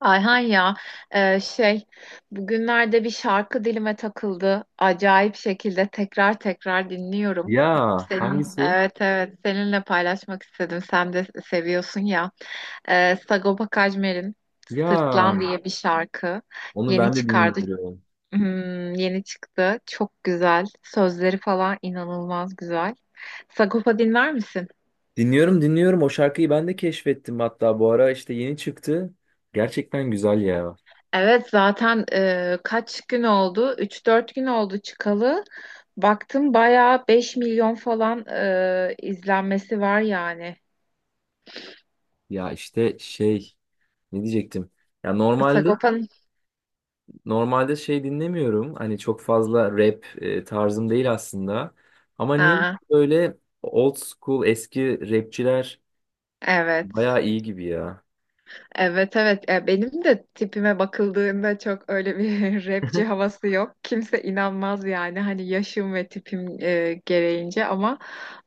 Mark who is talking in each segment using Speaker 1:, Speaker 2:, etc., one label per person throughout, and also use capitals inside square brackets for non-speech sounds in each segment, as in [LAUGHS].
Speaker 1: Ayhan ya, e, şey bugünlerde bir şarkı dilime takıldı. Acayip şekilde tekrar dinliyorum.
Speaker 2: Ya
Speaker 1: Senin
Speaker 2: hangisi?
Speaker 1: evet evet seninle paylaşmak istedim. Sen de seviyorsun ya. Sagopa Kajmer'in Sırtlan
Speaker 2: Ya
Speaker 1: diye bir şarkı
Speaker 2: onu
Speaker 1: yeni
Speaker 2: ben de
Speaker 1: çıkardı.
Speaker 2: dinliyorum.
Speaker 1: Hmm, yeni çıktı. Çok güzel. Sözleri falan inanılmaz güzel. Sagopa dinler misin?
Speaker 2: Dinliyorum o şarkıyı ben de keşfettim, hatta bu ara işte yeni çıktı. Gerçekten güzel ya.
Speaker 1: Evet zaten, kaç gün oldu? Üç dört gün oldu çıkalı. Baktım bayağı 5 milyon falan izlenmesi var yani.
Speaker 2: Ya işte ne diyecektim? Ya normalde
Speaker 1: Sagopa'nın.
Speaker 2: normalde şey dinlemiyorum. Hani çok fazla rap tarzım değil aslında. Ama niye
Speaker 1: Ha,
Speaker 2: böyle old school eski rapçiler
Speaker 1: evet.
Speaker 2: bayağı iyi gibi ya.
Speaker 1: Evet evet. Benim de tipime bakıldığında çok öyle bir [LAUGHS] rapçi
Speaker 2: [LAUGHS]
Speaker 1: havası yok. Kimse inanmaz yani hani yaşım ve tipim gereğince ama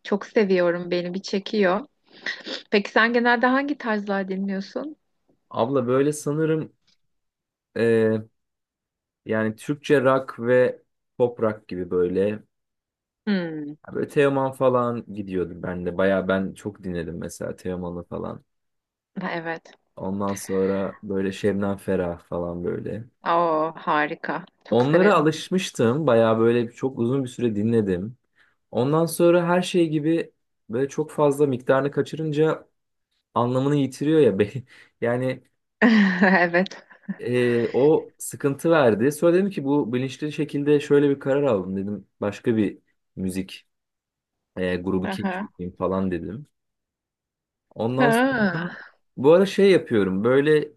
Speaker 1: çok seviyorum. Beni bir çekiyor. Peki sen genelde hangi tarzlar dinliyorsun?
Speaker 2: Abla böyle sanırım e, yani Türkçe rock ve pop rock gibi böyle.
Speaker 1: Hmm,
Speaker 2: Ya böyle Teoman falan gidiyordu ben de. Baya ben çok dinledim mesela Teoman'ı falan.
Speaker 1: evet.
Speaker 2: Ondan sonra böyle Şebnem Ferah falan böyle.
Speaker 1: Oo, harika. Çok
Speaker 2: Onlara
Speaker 1: severim.
Speaker 2: alışmıştım. Baya böyle çok uzun bir süre dinledim. Ondan sonra her şey gibi böyle çok fazla miktarını kaçırınca anlamını yitiriyor ya. [LAUGHS] Yani
Speaker 1: [LAUGHS] Evet.
Speaker 2: o sıkıntı verdi. Sonra dedim ki bu, bilinçli şekilde şöyle bir karar aldım dedim. Başka bir müzik grubu
Speaker 1: Aha.
Speaker 2: keşfedeyim falan dedim. Ondan sonra
Speaker 1: Ha.
Speaker 2: bu ara şey yapıyorum. Böyle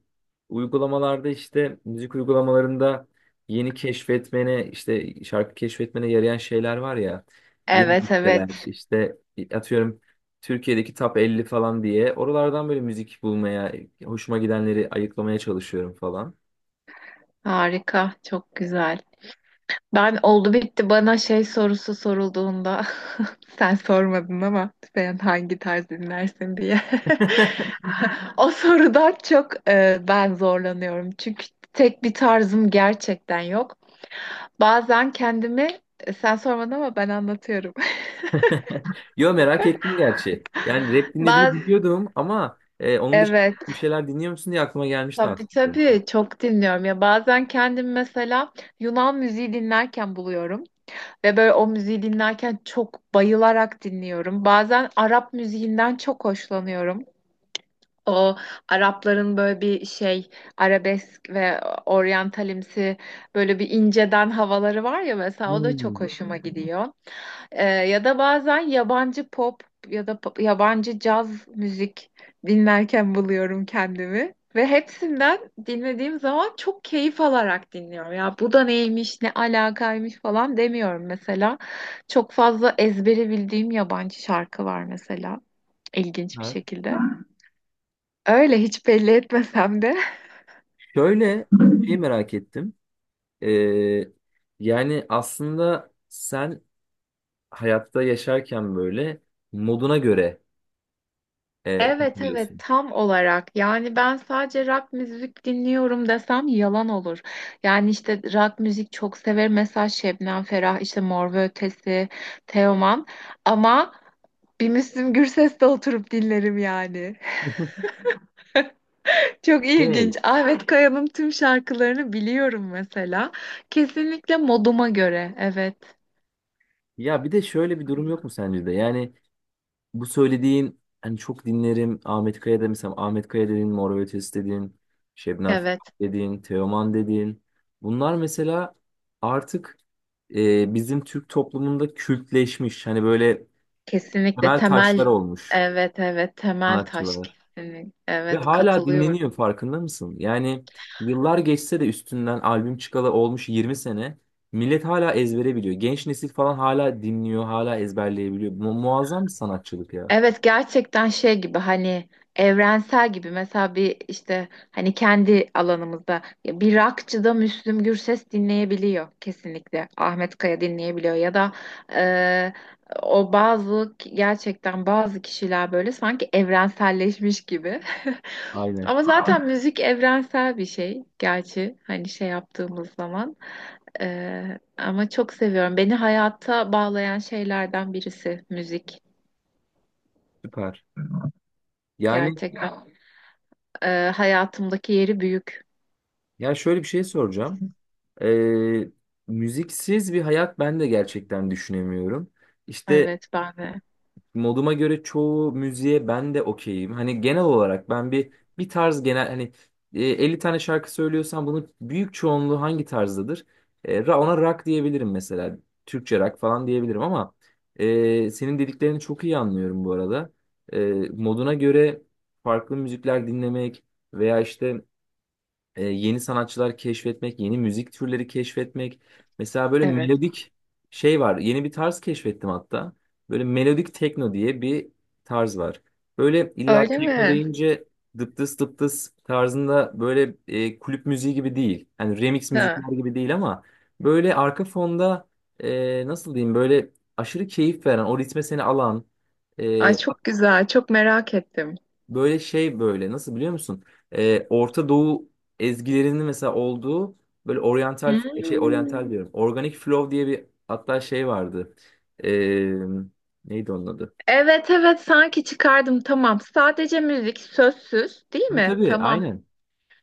Speaker 2: uygulamalarda, işte müzik uygulamalarında yeni keşfetmene, işte şarkı keşfetmene yarayan şeyler var ya. Yeni
Speaker 1: Evet
Speaker 2: listeler
Speaker 1: evet.
Speaker 2: işte, atıyorum Türkiye'deki top 50 falan diye, oralardan böyle müzik bulmaya, hoşuma gidenleri ayıklamaya çalışıyorum falan.
Speaker 1: Harika. Çok güzel. Ben oldu bitti bana şey sorusu sorulduğunda [LAUGHS] sen sormadın ama sen hangi tarz dinlersin diye. [LAUGHS] O sorudan çok, ben zorlanıyorum. Çünkü tek bir tarzım gerçekten yok. Bazen kendimi, sen sormadın ama ben anlatıyorum.
Speaker 2: [LAUGHS] Yo, merak ettim gerçi. Yani rap
Speaker 1: [LAUGHS]
Speaker 2: dinlediğini
Speaker 1: Baz
Speaker 2: biliyordum ama onun dışında
Speaker 1: evet.
Speaker 2: bir şeyler dinliyor musun diye aklıma gelmişti aslında.
Speaker 1: Tabii tabii, çok dinliyorum ya, bazen kendim mesela Yunan müziği dinlerken buluyorum ve böyle o müziği dinlerken çok bayılarak dinliyorum. Bazen Arap müziğinden çok hoşlanıyorum. O Arapların böyle bir şey arabesk ve oryantalimsi, böyle bir inceden havaları var ya mesela, o da çok
Speaker 2: Hmm.
Speaker 1: hoşuma gidiyor. Ya da bazen yabancı pop ya da yabancı caz müzik dinlerken buluyorum kendimi. Ve hepsinden dinlediğim zaman çok keyif alarak dinliyorum. Ya bu da neymiş, ne alakaymış falan demiyorum mesela. Çok fazla ezbere bildiğim yabancı şarkı var mesela. İlginç bir
Speaker 2: Var.
Speaker 1: şekilde. Öyle hiç belli etmesem de.
Speaker 2: Şöyle şey merak ettim. Ee, yani aslında sen hayatta yaşarken böyle moduna göre
Speaker 1: Evet evet,
Speaker 2: takılıyorsun.
Speaker 1: tam olarak yani, ben sadece rock müzik dinliyorum desem yalan olur. Yani işte rock müzik çok severim, mesela Şebnem Ferah, işte Mor ve Ötesi, Teoman, ama bir Müslüm Gürses'te oturup dinlerim yani. [LAUGHS] Çok ilginç.
Speaker 2: Evet.
Speaker 1: Ahmet Kaya'nın tüm şarkılarını biliyorum mesela. Kesinlikle moduma göre, evet
Speaker 2: Ya bir de şöyle bir durum yok mu sence de? Yani bu söylediğin, hani çok dinlerim Ahmet Kaya da, mesela Ahmet Kaya dedin, Mor ve Ötesi dedin, Şebnem Ferah
Speaker 1: evet.
Speaker 2: dedin, Teoman dedin. Bunlar mesela artık bizim Türk toplumunda kültleşmiş. Hani böyle
Speaker 1: Kesinlikle
Speaker 2: temel
Speaker 1: temel,
Speaker 2: taşlar olmuş
Speaker 1: evet evet, temel taş
Speaker 2: sanatçılara.
Speaker 1: kesinlikle,
Speaker 2: Ve
Speaker 1: evet,
Speaker 2: hala
Speaker 1: katılıyorum.
Speaker 2: dinleniyor, farkında mısın? Yani yıllar geçse de, üstünden albüm çıkalı olmuş 20 sene, millet hala ezbere biliyor. Genç nesil falan hala dinliyor, hala ezberleyebiliyor. Muazzam bir sanatçılık ya.
Speaker 1: Evet, gerçekten şey gibi, hani evrensel gibi mesela, bir işte hani kendi alanımızda ya, bir rockçıda Müslüm Gürses dinleyebiliyor, kesinlikle Ahmet Kaya dinleyebiliyor ya da e, o bazı gerçekten bazı kişiler böyle sanki evrenselleşmiş gibi [LAUGHS]
Speaker 2: Aynen.
Speaker 1: ama zaten müzik evrensel bir şey, gerçi hani şey yaptığımız zaman. Ama çok seviyorum. Beni hayata bağlayan şeylerden birisi müzik
Speaker 2: Süper. Yani
Speaker 1: gerçekten. Hayatımdaki yeri büyük.
Speaker 2: ya, şöyle bir şey soracağım. Ee, müziksiz bir hayat ben de gerçekten düşünemiyorum. İşte
Speaker 1: Evet ben de.
Speaker 2: moduma göre çoğu müziğe ben de okeyim. Hani genel olarak ben bir tarz, genel hani 50 tane şarkı söylüyorsam bunun büyük çoğunluğu hangi tarzdadır? Ona rock diyebilirim mesela. Türkçe rock falan diyebilirim, ama senin dediklerini çok iyi anlıyorum bu arada. E, Moduna göre farklı müzikler dinlemek, veya işte yeni sanatçılar keşfetmek, yeni müzik türleri keşfetmek. Mesela böyle
Speaker 1: Evet.
Speaker 2: melodik şey var. Yeni bir tarz keşfettim hatta. Böyle melodik tekno diye bir tarz var. Böyle illa
Speaker 1: Öyle
Speaker 2: tekno
Speaker 1: mi?
Speaker 2: deyince dıptıs dıptıs tarzında böyle kulüp müziği gibi değil. Yani remix
Speaker 1: Ha.
Speaker 2: müzikler gibi değil, ama böyle arka fonda nasıl diyeyim, böyle aşırı keyif veren, o ritme seni alan.
Speaker 1: Ay çok güzel. Çok merak ettim.
Speaker 2: Böyle şey, böyle, nasıl biliyor musun? Orta Doğu ezgilerinin mesela olduğu böyle oryantal şey,
Speaker 1: Hmm.
Speaker 2: oryantal diyorum. Organic Flow diye bir hatta şey vardı. Ee, neydi onun adı?
Speaker 1: Evet evet, sanki çıkardım, tamam. Sadece müzik, sözsüz değil
Speaker 2: Tabii
Speaker 1: mi?
Speaker 2: tabii,
Speaker 1: Tamam.
Speaker 2: aynen.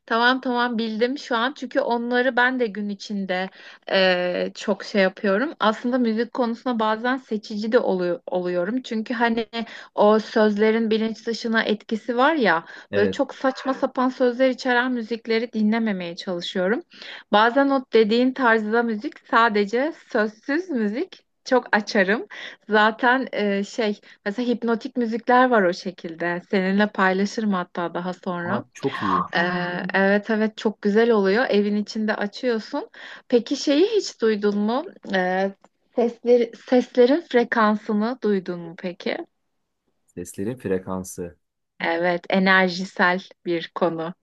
Speaker 1: Tamam tamam, bildim şu an, çünkü onları ben de gün içinde çok şey yapıyorum. Aslında müzik konusunda bazen seçici de oluyorum. Çünkü hani o sözlerin bilinç dışına etkisi var ya, böyle
Speaker 2: Evet.
Speaker 1: çok saçma sapan sözler içeren müzikleri dinlememeye çalışıyorum. Bazen o dediğin tarzda müzik, sadece sözsüz müzik. Çok açarım. Zaten mesela hipnotik müzikler var o şekilde. Seninle paylaşırım hatta daha
Speaker 2: Aa,
Speaker 1: sonra.
Speaker 2: çok iyi.
Speaker 1: Aa, evet evet, çok güzel oluyor. Evin içinde açıyorsun. Peki şeyi hiç duydun mu? Ee, seslerin frekansını duydun mu peki?
Speaker 2: Seslerin frekansı.
Speaker 1: Evet, enerjisel bir konu.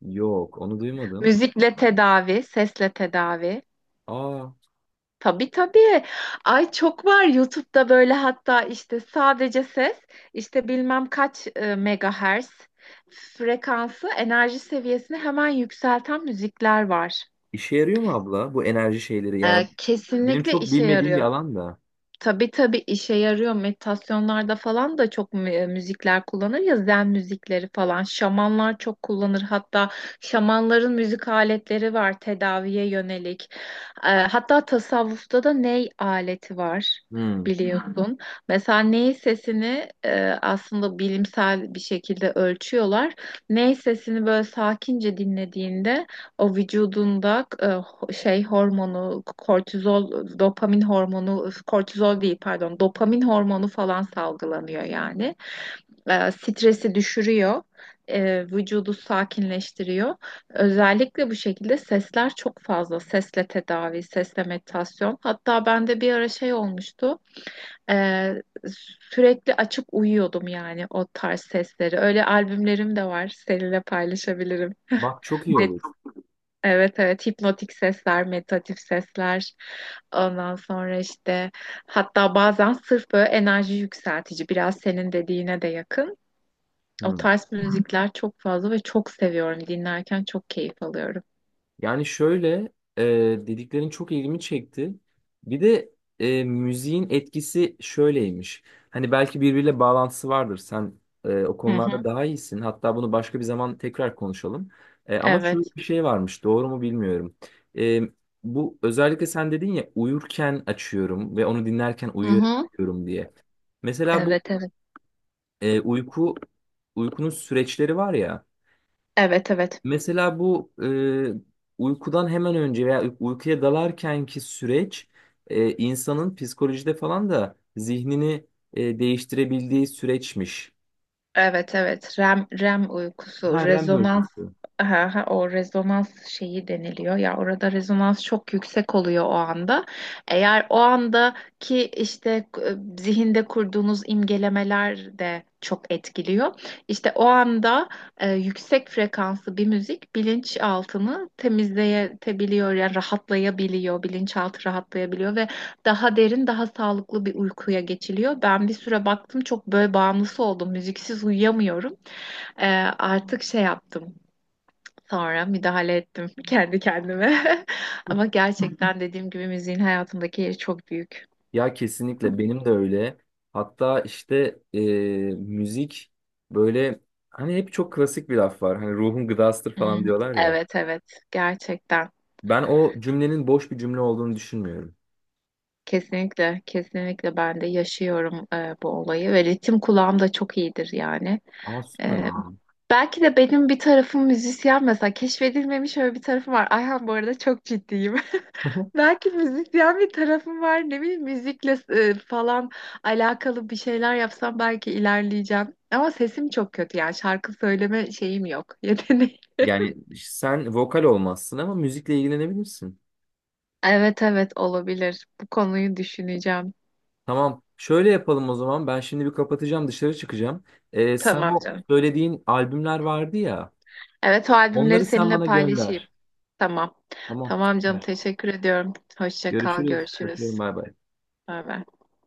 Speaker 2: Yok, onu duymadım.
Speaker 1: Müzikle tedavi, sesle tedavi.
Speaker 2: Aa,
Speaker 1: Tabii tabii. Ay çok var YouTube'da böyle, hatta işte sadece ses, işte bilmem kaç megahertz frekansı, enerji seviyesini hemen yükselten müzikler var.
Speaker 2: işe yarıyor mu abla bu enerji şeyleri? Yani benim
Speaker 1: Kesinlikle
Speaker 2: çok
Speaker 1: işe
Speaker 2: bilmediğim bir
Speaker 1: yarıyor.
Speaker 2: alan da.
Speaker 1: Tabii tabii, işe yarıyor. Meditasyonlarda falan da çok müzikler kullanır ya, zen müzikleri falan. Şamanlar çok kullanır. Hatta şamanların müzik aletleri var tedaviye yönelik. Hatta tasavvufta da ney aleti var,
Speaker 2: Hmm.
Speaker 1: biliyorsun. Mesela ney sesini aslında bilimsel bir şekilde ölçüyorlar. Ney sesini böyle sakince dinlediğinde o vücudunda hormonu, kortizol, dopamin hormonu, kortizol değil pardon, dopamin hormonu falan salgılanıyor yani. Stresi düşürüyor, vücudu sakinleştiriyor. Özellikle bu şekilde sesler çok fazla. Sesle tedavi, sesle meditasyon. Hatta bende bir ara şey olmuştu. E, sürekli açıp uyuyordum yani o tarz sesleri. Öyle albümlerim de var. Seninle paylaşabilirim.
Speaker 2: Bak, çok iyi
Speaker 1: Ne
Speaker 2: olur.
Speaker 1: Evet evet, hipnotik sesler, meditatif sesler. Ondan sonra işte, hatta bazen sırf böyle enerji yükseltici, biraz senin dediğine de yakın. O
Speaker 2: Hmm.
Speaker 1: tarz müzikler çok fazla ve çok seviyorum. Dinlerken çok keyif alıyorum.
Speaker 2: Yani şöyle e, dediklerin çok ilgimi çekti. Bir de müziğin etkisi şöyleymiş. Hani belki birbiriyle bağlantısı vardır. Sen o
Speaker 1: Hı
Speaker 2: konularda
Speaker 1: hı.
Speaker 2: daha iyisin. Hatta bunu başka bir zaman tekrar konuşalım. Ama şöyle
Speaker 1: Evet.
Speaker 2: bir şey varmış. Doğru mu bilmiyorum. E, Bu, özellikle sen dedin ya uyurken açıyorum ve onu dinlerken
Speaker 1: Hı hı.
Speaker 2: uyuyorum diye. Mesela bu
Speaker 1: Evet evet.
Speaker 2: e, uyku uykunun süreçleri var ya.
Speaker 1: Evet evet.
Speaker 2: Mesela bu uykudan hemen önce veya uykuya dalarkenki süreç insanın psikolojide falan da zihnini değiştirebildiği süreçmiş.
Speaker 1: Evet evet, REM,
Speaker 2: Ha,
Speaker 1: uykusu
Speaker 2: REM
Speaker 1: rezonans.
Speaker 2: uykusu.
Speaker 1: Aha, o rezonans şeyi deniliyor ya, orada rezonans çok yüksek oluyor o anda. Eğer o andaki işte e, zihinde kurduğunuz imgelemeler de çok etkiliyor. İşte o anda yüksek frekanslı bir müzik bilinçaltını temizleyebiliyor, yani rahatlayabiliyor, bilinçaltı rahatlayabiliyor ve daha derin, daha sağlıklı bir uykuya geçiliyor. Ben bir süre baktım, çok böyle bağımlısı oldum. Müziksiz uyuyamıyorum. Ee, artık şey yaptım. Sonra müdahale ettim [LAUGHS] kendi kendime. [LAUGHS] Ama gerçekten dediğim gibi müziğin hayatımdaki yeri çok büyük.
Speaker 2: Ya kesinlikle benim de öyle. Hatta işte müzik böyle, hani hep çok klasik bir laf var. Hani ruhun gıdasıdır falan
Speaker 1: Hmm,
Speaker 2: diyorlar ya.
Speaker 1: evet evet, gerçekten.
Speaker 2: Ben o cümlenin boş bir cümle olduğunu düşünmüyorum.
Speaker 1: Kesinlikle kesinlikle, ben de yaşıyorum bu olayı ve ritim kulağım da çok iyidir yani.
Speaker 2: Aa, süper
Speaker 1: E,
Speaker 2: yani.
Speaker 1: belki de benim bir tarafım müzisyen mesela, keşfedilmemiş öyle bir tarafım var. Ayhan bu arada çok ciddiyim.
Speaker 2: [LAUGHS]
Speaker 1: Belki müzikten bir tarafım var. Ne bileyim, müzikle falan alakalı bir şeyler yapsam belki ilerleyeceğim. Ama sesim çok kötü, yani şarkı söyleme şeyim yok. [LAUGHS] Yeteneğim.
Speaker 2: Yani sen vokal olmazsın ama müzikle ilgilenebilirsin.
Speaker 1: Evet evet, olabilir. Bu konuyu düşüneceğim.
Speaker 2: Tamam. Şöyle yapalım o zaman. Ben şimdi bir kapatacağım, dışarı çıkacağım. Sen
Speaker 1: Tamam
Speaker 2: o
Speaker 1: canım.
Speaker 2: söylediğin albümler vardı ya.
Speaker 1: Evet, o albümleri
Speaker 2: Onları sen
Speaker 1: seninle
Speaker 2: bana
Speaker 1: paylaşayım.
Speaker 2: gönder.
Speaker 1: Tamam.
Speaker 2: Tamam.
Speaker 1: Tamam canım,
Speaker 2: Süper.
Speaker 1: teşekkür ediyorum. Hoşça kal,
Speaker 2: Görüşürüz. Öpüyorum.
Speaker 1: görüşürüz.
Speaker 2: Bay bay.
Speaker 1: Bay bay.